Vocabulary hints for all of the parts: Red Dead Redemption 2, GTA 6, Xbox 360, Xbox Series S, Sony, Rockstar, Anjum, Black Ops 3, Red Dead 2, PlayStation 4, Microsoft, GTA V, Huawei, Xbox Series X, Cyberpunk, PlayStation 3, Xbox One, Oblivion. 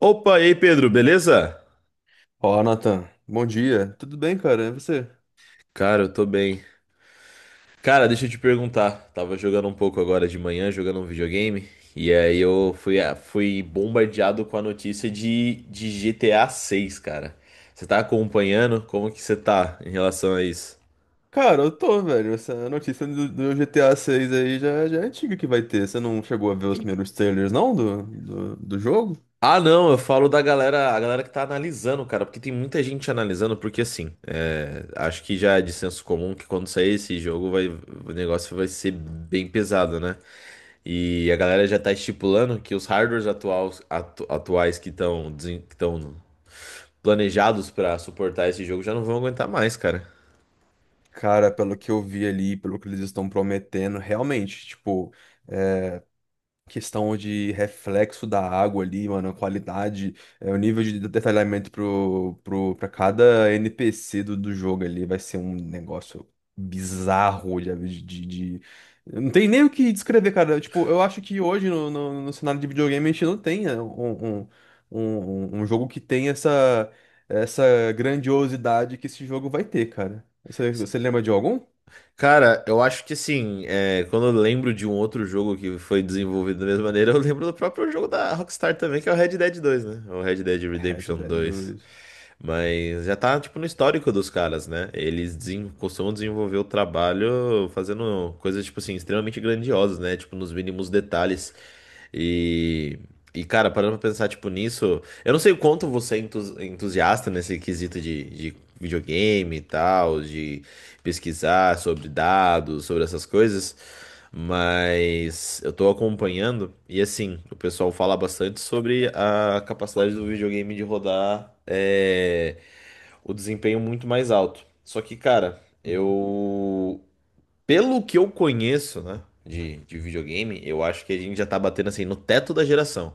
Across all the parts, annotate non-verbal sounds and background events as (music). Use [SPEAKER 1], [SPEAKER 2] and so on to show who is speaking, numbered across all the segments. [SPEAKER 1] Opa, e aí, Pedro, beleza?
[SPEAKER 2] Olá, Nathan, bom dia. Tudo bem, cara? E você?
[SPEAKER 1] Cara, eu tô bem. Cara, deixa eu te perguntar. Tava jogando um pouco agora de manhã, jogando um videogame, e aí eu fui bombardeado com a notícia de GTA 6, cara. Você tá acompanhando? Como que você tá em relação a isso?
[SPEAKER 2] Cara, eu tô, velho. Essa notícia do GTA 6 aí já é antiga que vai ter. Você não chegou a ver os primeiros trailers, não, do jogo?
[SPEAKER 1] Ah, não, eu falo da galera, a galera que tá analisando, cara, porque tem muita gente analisando, porque assim, é, acho que já é de senso comum que quando sair esse jogo vai, o negócio vai ser bem pesado, né? E a galera já tá estipulando que os hardwares atuais que estão planejados pra suportar esse jogo já não vão aguentar mais, cara.
[SPEAKER 2] Cara, pelo que eu vi ali, pelo que eles estão prometendo, realmente, tipo. Questão de reflexo da água ali, mano, a qualidade, o nível de detalhamento pra cada NPC do jogo ali vai ser um negócio bizarro de- não tem nem o que descrever, cara. Tipo, eu acho que hoje no cenário de videogame a gente não tem um jogo que tem essa grandiosidade que esse jogo vai ter, cara. Você lembra de algum?
[SPEAKER 1] Cara, eu acho que assim, é, quando eu lembro de um outro jogo que foi desenvolvido da mesma maneira, eu lembro do próprio jogo da Rockstar também, que é o Red Dead 2, né? O Red Dead
[SPEAKER 2] Red
[SPEAKER 1] Redemption
[SPEAKER 2] Dead
[SPEAKER 1] dois
[SPEAKER 2] 2.
[SPEAKER 1] Mas já tá, tipo, no histórico dos caras, né? Eles costumam desenvolver o trabalho fazendo coisas, tipo assim, extremamente grandiosas, né? Tipo, nos mínimos detalhes. E, e cara, parando pra pensar, tipo, nisso, eu não sei o quanto você é entusiasta nesse quesito de videogame e tal, de pesquisar sobre dados, sobre essas coisas, mas eu tô acompanhando e assim, o pessoal fala bastante sobre a capacidade do videogame de rodar o desempenho muito mais alto. Só que, cara, pelo que eu conheço, né, de videogame, eu acho que a gente já tá batendo assim no teto da geração.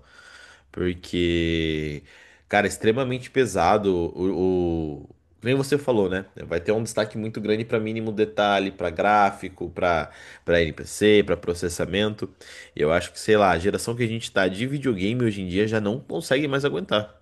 [SPEAKER 1] Porque, cara, é extremamente pesado Nem você falou, né? Vai ter um destaque muito grande para mínimo detalhe, para gráfico, para NPC, para processamento. Eu acho que, sei lá, a geração que a gente tá de videogame hoje em dia já não consegue mais aguentar.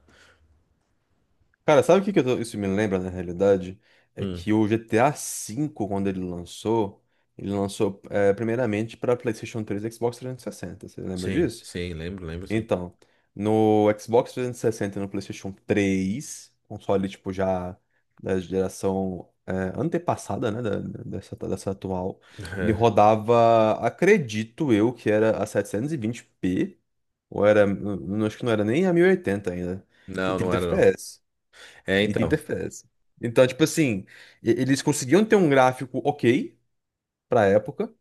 [SPEAKER 2] Cara, sabe o que que isso me lembra na realidade? É
[SPEAKER 1] Hum,
[SPEAKER 2] que o GTA V, quando ele lançou, primeiramente para PlayStation 3 e Xbox 360. Você lembra
[SPEAKER 1] sim,
[SPEAKER 2] disso?
[SPEAKER 1] sim, lembro, lembro, sim.
[SPEAKER 2] Então, no Xbox 360 e no PlayStation 3 console tipo já da geração antepassada, né, dessa atual, ele
[SPEAKER 1] (laughs)
[SPEAKER 2] rodava, acredito eu, que era a 720p ou era, não, acho que não era nem a 1080 ainda, e
[SPEAKER 1] Não, não
[SPEAKER 2] 30
[SPEAKER 1] era não.
[SPEAKER 2] FPS.
[SPEAKER 1] É,
[SPEAKER 2] E 30
[SPEAKER 1] então,
[SPEAKER 2] FPS. Então, tipo assim, eles conseguiam ter um gráfico ok pra época,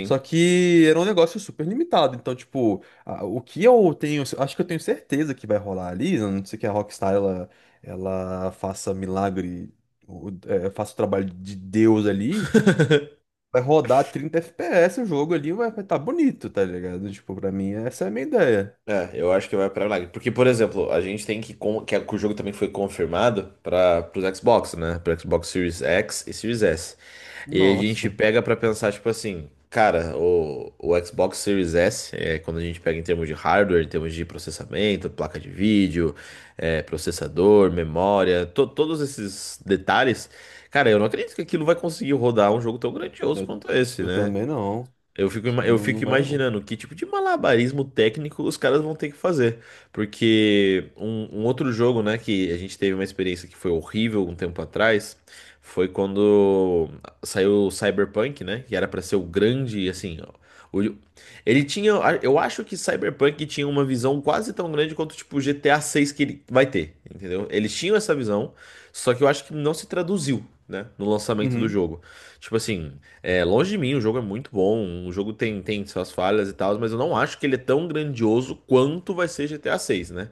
[SPEAKER 2] só que era um negócio super limitado. Então, tipo, o que eu tenho, acho que eu tenho certeza que vai rolar ali, a não ser que a Rockstar ela faça milagre, faça o trabalho de Deus ali,
[SPEAKER 1] (laughs)
[SPEAKER 2] vai rodar 30 FPS o jogo ali, vai estar bonito, tá ligado? Tipo, pra mim, essa é a minha ideia.
[SPEAKER 1] É, eu acho que vai pra milagre. Porque, por exemplo, a gente tem que o jogo também foi confirmado para os Xbox, né? Para Xbox Series X e Series S. E aí a gente
[SPEAKER 2] Nossa,
[SPEAKER 1] pega pra pensar, tipo assim, cara, o Xbox Series S, quando a gente pega em termos de hardware, em termos de processamento, placa de vídeo, processador, memória, todos esses detalhes, cara, eu não acredito que aquilo vai conseguir rodar um jogo tão grandioso
[SPEAKER 2] eu,
[SPEAKER 1] quanto esse,
[SPEAKER 2] eu
[SPEAKER 1] né?
[SPEAKER 2] também não.
[SPEAKER 1] Eu fico, ima- eu
[SPEAKER 2] Não, não
[SPEAKER 1] fico
[SPEAKER 2] vai não.
[SPEAKER 1] imaginando que tipo de malabarismo técnico os caras vão ter que fazer. Porque um outro jogo, né, que a gente teve uma experiência que foi horrível um tempo atrás, foi quando saiu o Cyberpunk, né, que era pra ser o grande, assim, ó, o- ele tinha, eu acho que Cyberpunk tinha uma visão quase tão grande quanto tipo GTA 6 que ele vai ter, entendeu? Eles tinham essa visão, só que eu acho que não se traduziu, né, no lançamento do
[SPEAKER 2] Uhum,
[SPEAKER 1] jogo. Tipo assim, longe de mim, o jogo é muito bom, o jogo tem suas falhas e tal, mas eu não acho que ele é tão grandioso quanto vai ser GTA 6, né?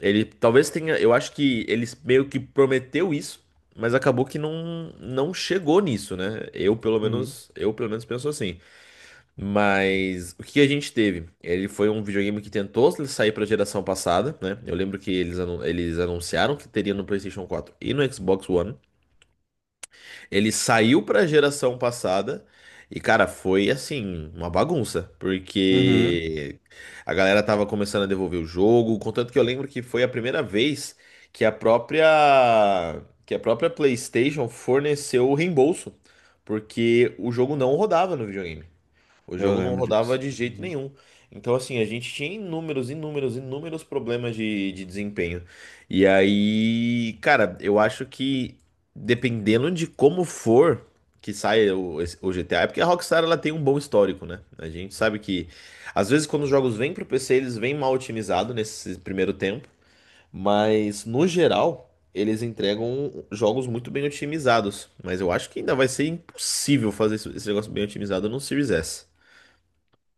[SPEAKER 1] Ele talvez tenha, eu acho que ele meio que prometeu isso, mas acabou que não, não chegou nisso, né? Eu pelo
[SPEAKER 2] uhum,
[SPEAKER 1] menos, eu pelo menos penso assim. Mas o que a gente teve? Ele foi um videogame que tentou sair para a geração passada, né? Eu lembro que eles anunciaram que teria no PlayStation 4 e no Xbox One. Ele saiu pra geração passada e, cara, foi assim, uma bagunça,
[SPEAKER 2] uhum.
[SPEAKER 1] porque a galera tava começando a devolver o jogo, contanto que eu lembro que foi a primeira vez que a própria PlayStation forneceu o reembolso, porque o jogo não rodava no videogame. O
[SPEAKER 2] Eu
[SPEAKER 1] jogo não
[SPEAKER 2] lembro
[SPEAKER 1] rodava
[SPEAKER 2] disso.
[SPEAKER 1] de jeito
[SPEAKER 2] Uhum.
[SPEAKER 1] nenhum. Então, assim, a gente tinha inúmeros, inúmeros, inúmeros problemas de desempenho. E aí, cara, eu acho que dependendo de como for que saia o GTA, é porque a Rockstar ela tem um bom histórico, né? A gente sabe que, às vezes, quando os jogos vêm pro PC, eles vêm mal otimizados nesse primeiro tempo. Mas, no geral, eles entregam jogos muito bem otimizados. Mas eu acho que ainda vai ser impossível fazer esse negócio bem otimizado no Series S.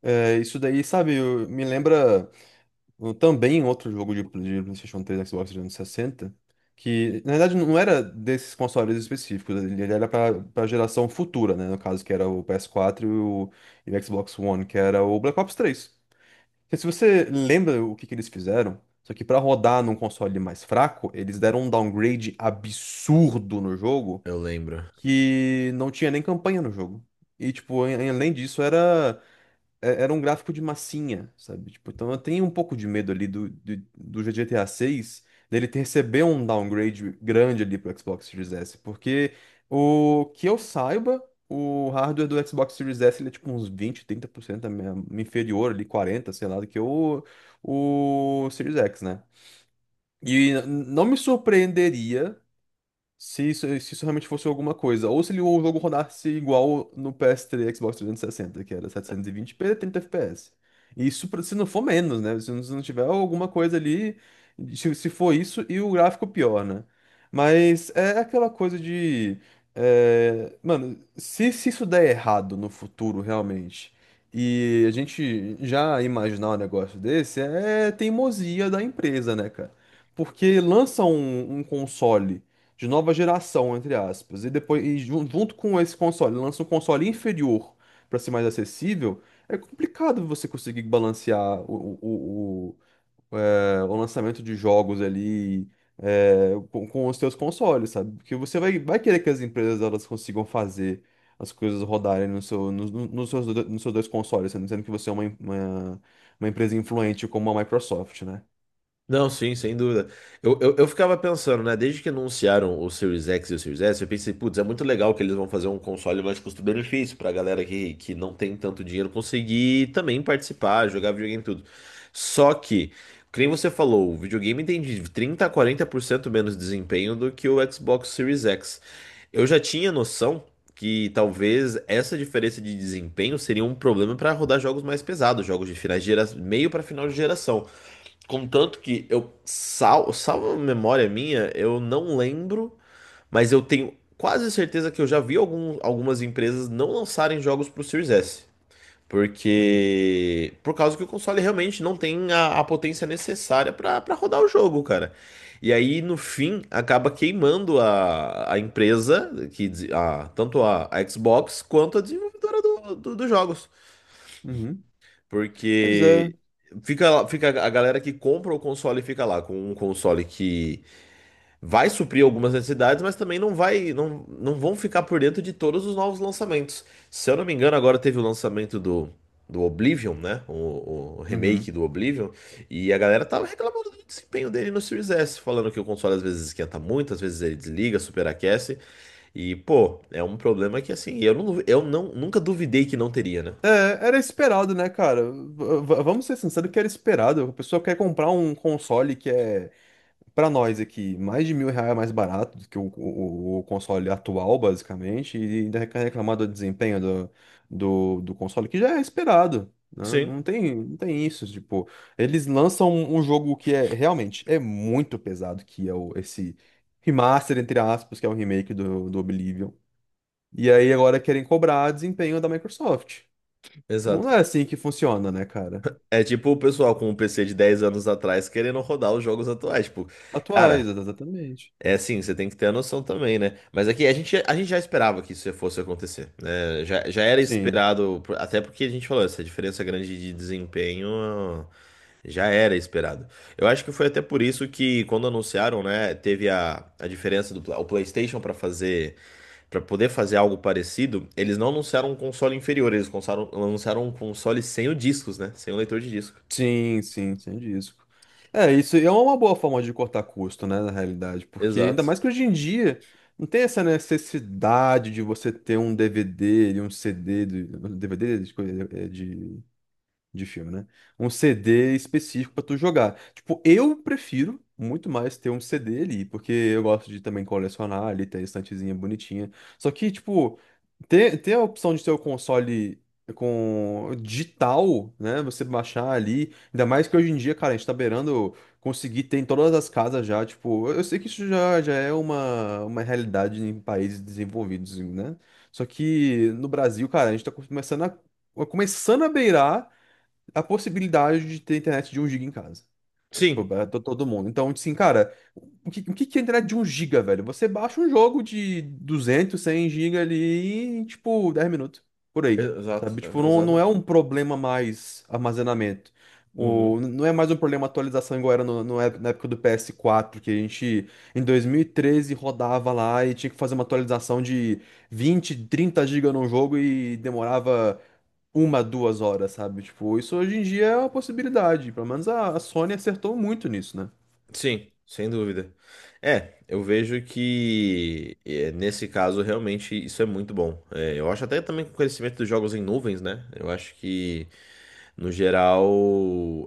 [SPEAKER 2] É, isso daí, sabe, me lembra também outro jogo de PlayStation 3 e Xbox 360 que na verdade não era desses consoles específicos, ele era para a geração futura, né? No caso, que era o PS4 e o Xbox One, que era o Black Ops 3. Porque se você lembra o que, que eles fizeram, só que para rodar num console mais fraco, eles deram um downgrade absurdo no jogo
[SPEAKER 1] Eu lembro.
[SPEAKER 2] que não tinha nem campanha no jogo. E, tipo, além disso, era um gráfico de massinha, sabe? Tipo, então eu tenho um pouco de medo ali do GTA 6 dele ter receber um downgrade grande ali pro Xbox Series S, porque o que eu saiba, o hardware do Xbox Series S ele é tipo uns 20, 30% inferior ali, 40, sei lá, do que o Series X, né? E não me surpreenderia se isso realmente fosse alguma coisa. Ou se ele- o jogo rodasse igual no PS3 e Xbox 360, que era 720p, 30 FPS. Isso se não for menos, né? Se não tiver alguma coisa ali. Se for isso e o gráfico pior, né? Mas é aquela coisa de. Mano, se isso der errado no futuro, realmente, e a gente já imaginar um negócio desse, é teimosia da empresa, né, cara? Porque lança um console de nova geração, entre aspas. E depois, junto com esse console, lança um console inferior para ser mais acessível. É complicado você conseguir balancear o lançamento de jogos ali com os seus consoles, sabe? Porque você vai querer que as empresas elas consigam fazer as coisas rodarem no seu, nos no, nos seus, do- nos seus dois consoles, sendo que você é uma empresa influente como a Microsoft, né?
[SPEAKER 1] Não, sim, sem dúvida. Eu ficava pensando, né? Desde que anunciaram o Series X e o Series S, eu pensei, putz, é muito legal que eles vão fazer um console mais custo-benefício pra galera que não tem tanto dinheiro conseguir também participar, jogar videogame e tudo. Só que, como você falou, o videogame tem de 30 a 40% menos desempenho do que o Xbox Series X. Eu já tinha noção que talvez essa diferença de desempenho seria um problema para rodar jogos mais pesados, jogos de finais de geração, meio para final de geração. Contanto que eu salvo a memória minha, eu não lembro, mas eu tenho quase certeza que eu já vi algumas empresas não lançarem jogos pro Series S.
[SPEAKER 2] Uhum.
[SPEAKER 1] Porque. Por causa que o console realmente não tem a potência necessária pra rodar o jogo, cara. E aí, no fim, acaba queimando a empresa, tanto a Xbox quanto a desenvolvedora dos jogos.
[SPEAKER 2] Uhum. Mas é.
[SPEAKER 1] Porque fica a galera que compra o console e fica lá com um console que vai suprir algumas necessidades, mas também não vai, não, não vão ficar por dentro de todos os novos lançamentos. Se eu não me engano, agora teve o lançamento do Oblivion, né? O
[SPEAKER 2] Uhum.
[SPEAKER 1] remake do Oblivion, e a galera tava reclamando do desempenho dele no Series S, falando que o console às vezes esquenta muito, às vezes ele desliga, superaquece. E, pô, é um problema que assim, eu não, nunca duvidei que não teria, né?
[SPEAKER 2] É, era esperado, né, cara? Vamos ser sinceros que era esperado. A pessoa quer comprar um console que é, pra nós aqui, mais de 1.000 reais mais barato do que o console atual, basicamente, e ainda quer reclamar do desempenho do console, que já é esperado, né?
[SPEAKER 1] Sim,
[SPEAKER 2] Não tem isso, tipo, eles lançam um jogo que é realmente é muito pesado, que é o, esse remaster, entre aspas, que é o remake do Oblivion. E aí agora querem cobrar desempenho da Microsoft.
[SPEAKER 1] exato.
[SPEAKER 2] Não é assim que funciona, né, cara?
[SPEAKER 1] É tipo o pessoal com um PC de 10 anos atrás querendo rodar os jogos atuais. Tipo, cara,
[SPEAKER 2] Atuais, exatamente.
[SPEAKER 1] é assim, você tem que ter a noção também, né? Mas aqui a gente já esperava que isso fosse acontecer, né? Já era
[SPEAKER 2] Sim,
[SPEAKER 1] esperado, até porque a gente falou, essa diferença grande de desempenho já era esperado. Eu acho que foi até por isso que, quando anunciaram, né, teve a diferença do o PlayStation para fazer, para poder fazer algo parecido, eles não anunciaram um console inferior, eles anunciaram um console sem o discos, né? Sem o leitor de disco.
[SPEAKER 2] sim, sim, sem disco. É, isso é uma boa forma de cortar custo, né, na realidade, porque ainda
[SPEAKER 1] Exato.
[SPEAKER 2] mais que hoje em dia não tem essa necessidade de você ter um DVD e um CD, de, DVD de, coisa- é, de filme, né? Um CD específico pra tu jogar. Tipo, eu prefiro muito mais ter um CD ali, porque eu gosto de também colecionar ali, ter a estantezinha bonitinha. Só que, tipo. Ter a opção de ter o console com digital, né? Você baixar ali. Ainda mais que hoje em dia, cara, a gente tá beirando conseguir ter em todas as casas já. Tipo, eu sei que isso já é uma realidade em países desenvolvidos, né? Só que no Brasil, cara, a gente tá começando a beirar a possibilidade de ter internet de um giga em casa. Tipo,
[SPEAKER 1] Sim,
[SPEAKER 2] todo mundo. Então, tipo assim, cara, o que que é a internet de um giga, velho? Você baixa um jogo de 200 100 giga ali em, tipo, 10 minutos, por aí.
[SPEAKER 1] exato,
[SPEAKER 2] Sabe? Tipo,
[SPEAKER 1] é,
[SPEAKER 2] não, não é
[SPEAKER 1] exatamente.
[SPEAKER 2] um problema mais armazenamento. O,
[SPEAKER 1] Uhum.
[SPEAKER 2] não é mais um problema atualização igual era no, no ép- na época do PS4 que a gente, em 2013 rodava lá e tinha que fazer uma atualização de 20 30 giga num jogo e demorava uma, duas horas, sabe? Tipo, isso hoje em dia é uma possibilidade. Pelo menos a Sony acertou muito nisso, né?
[SPEAKER 1] Sim, sem dúvida. É, eu vejo que é, nesse caso realmente isso é muito bom. É, eu acho até também que o conhecimento dos jogos em nuvens, né? Eu acho que No geral,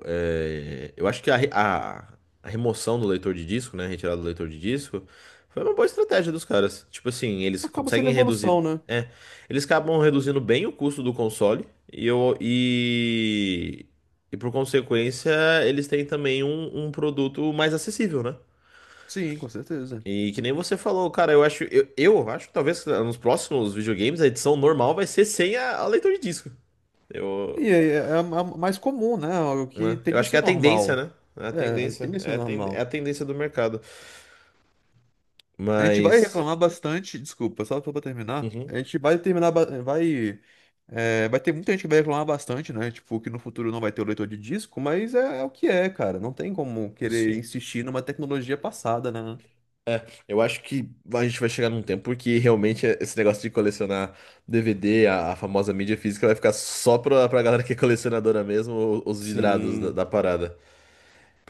[SPEAKER 1] eu acho que a remoção do leitor de disco, né? A retirada do leitor de disco foi uma boa estratégia dos caras. Tipo assim, eles
[SPEAKER 2] Acaba sendo
[SPEAKER 1] conseguem reduzir.
[SPEAKER 2] evolução, né?
[SPEAKER 1] É, eles acabam reduzindo bem o custo do console e, eu, e, e por consequência, eles têm também um produto mais acessível, né?
[SPEAKER 2] Sim, com certeza.
[SPEAKER 1] E que nem você falou, cara, eu acho que talvez nos próximos videogames a edição normal vai ser sem a leitor de disco.
[SPEAKER 2] E
[SPEAKER 1] Eu,
[SPEAKER 2] a mais comum, né? O que
[SPEAKER 1] né?
[SPEAKER 2] tem
[SPEAKER 1] Eu
[SPEAKER 2] de
[SPEAKER 1] acho que é
[SPEAKER 2] ser
[SPEAKER 1] a tendência,
[SPEAKER 2] normal.
[SPEAKER 1] né? É a
[SPEAKER 2] É,
[SPEAKER 1] tendência.
[SPEAKER 2] tende a ser
[SPEAKER 1] É a
[SPEAKER 2] normal.
[SPEAKER 1] tendência do mercado.
[SPEAKER 2] A gente vai
[SPEAKER 1] Mas.
[SPEAKER 2] reclamar bastante, desculpa, só pra terminar.
[SPEAKER 1] Uhum,
[SPEAKER 2] A gente vai terminar. Vai ter muita gente que vai reclamar bastante, né? Tipo, que no futuro não vai ter o leitor de disco, mas é o que é, cara. Não tem como querer
[SPEAKER 1] sim.
[SPEAKER 2] insistir numa tecnologia passada, né?
[SPEAKER 1] Eu acho que a gente vai chegar num tempo porque realmente esse negócio de colecionar DVD, a famosa mídia física, vai ficar só pra galera que é colecionadora mesmo, os vidrados da
[SPEAKER 2] Sim,
[SPEAKER 1] parada.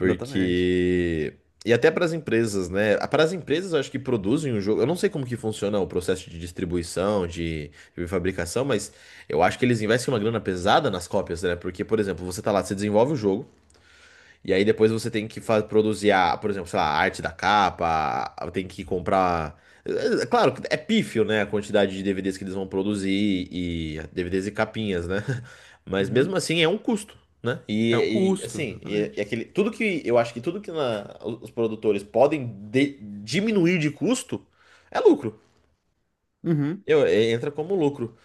[SPEAKER 2] exatamente.
[SPEAKER 1] E até para as empresas, né? Para as empresas, eu acho que produzem o jogo. Eu não sei como que funciona o processo de distribuição, de fabricação, mas eu acho que eles investem uma grana pesada nas cópias, né? Porque, por exemplo, você tá lá, você desenvolve o jogo. E aí depois você tem que produzir a, por exemplo, sei lá, a arte da capa, tem que comprar. É, claro, que é pífio, né? A quantidade de DVDs que eles vão produzir e DVDs e capinhas, né? (laughs) Mas mesmo
[SPEAKER 2] Uhum.
[SPEAKER 1] assim é um custo, né?
[SPEAKER 2] É um
[SPEAKER 1] E,
[SPEAKER 2] custo,
[SPEAKER 1] assim, e
[SPEAKER 2] exatamente.
[SPEAKER 1] aquele, tudo que eu acho que tudo que os produtores podem diminuir de custo é lucro.
[SPEAKER 2] Uhum.
[SPEAKER 1] Entra como lucro.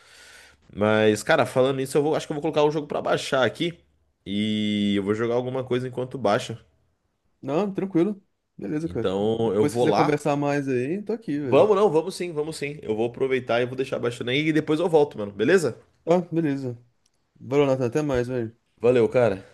[SPEAKER 1] Mas, cara, falando nisso, acho que eu vou colocar o jogo pra baixar aqui e eu vou jogar alguma coisa enquanto baixa.
[SPEAKER 2] Não, tranquilo. Beleza, cara.
[SPEAKER 1] Então eu
[SPEAKER 2] Depois se
[SPEAKER 1] vou
[SPEAKER 2] quiser
[SPEAKER 1] lá.
[SPEAKER 2] conversar mais aí, tô aqui, velho.
[SPEAKER 1] Vamos não, vamos sim, vamos sim. Eu vou aproveitar e vou deixar baixando aí e depois eu volto, mano. Beleza?
[SPEAKER 2] Tá, beleza. Valeu, Nathan. Até mais, velho.
[SPEAKER 1] Valeu, cara.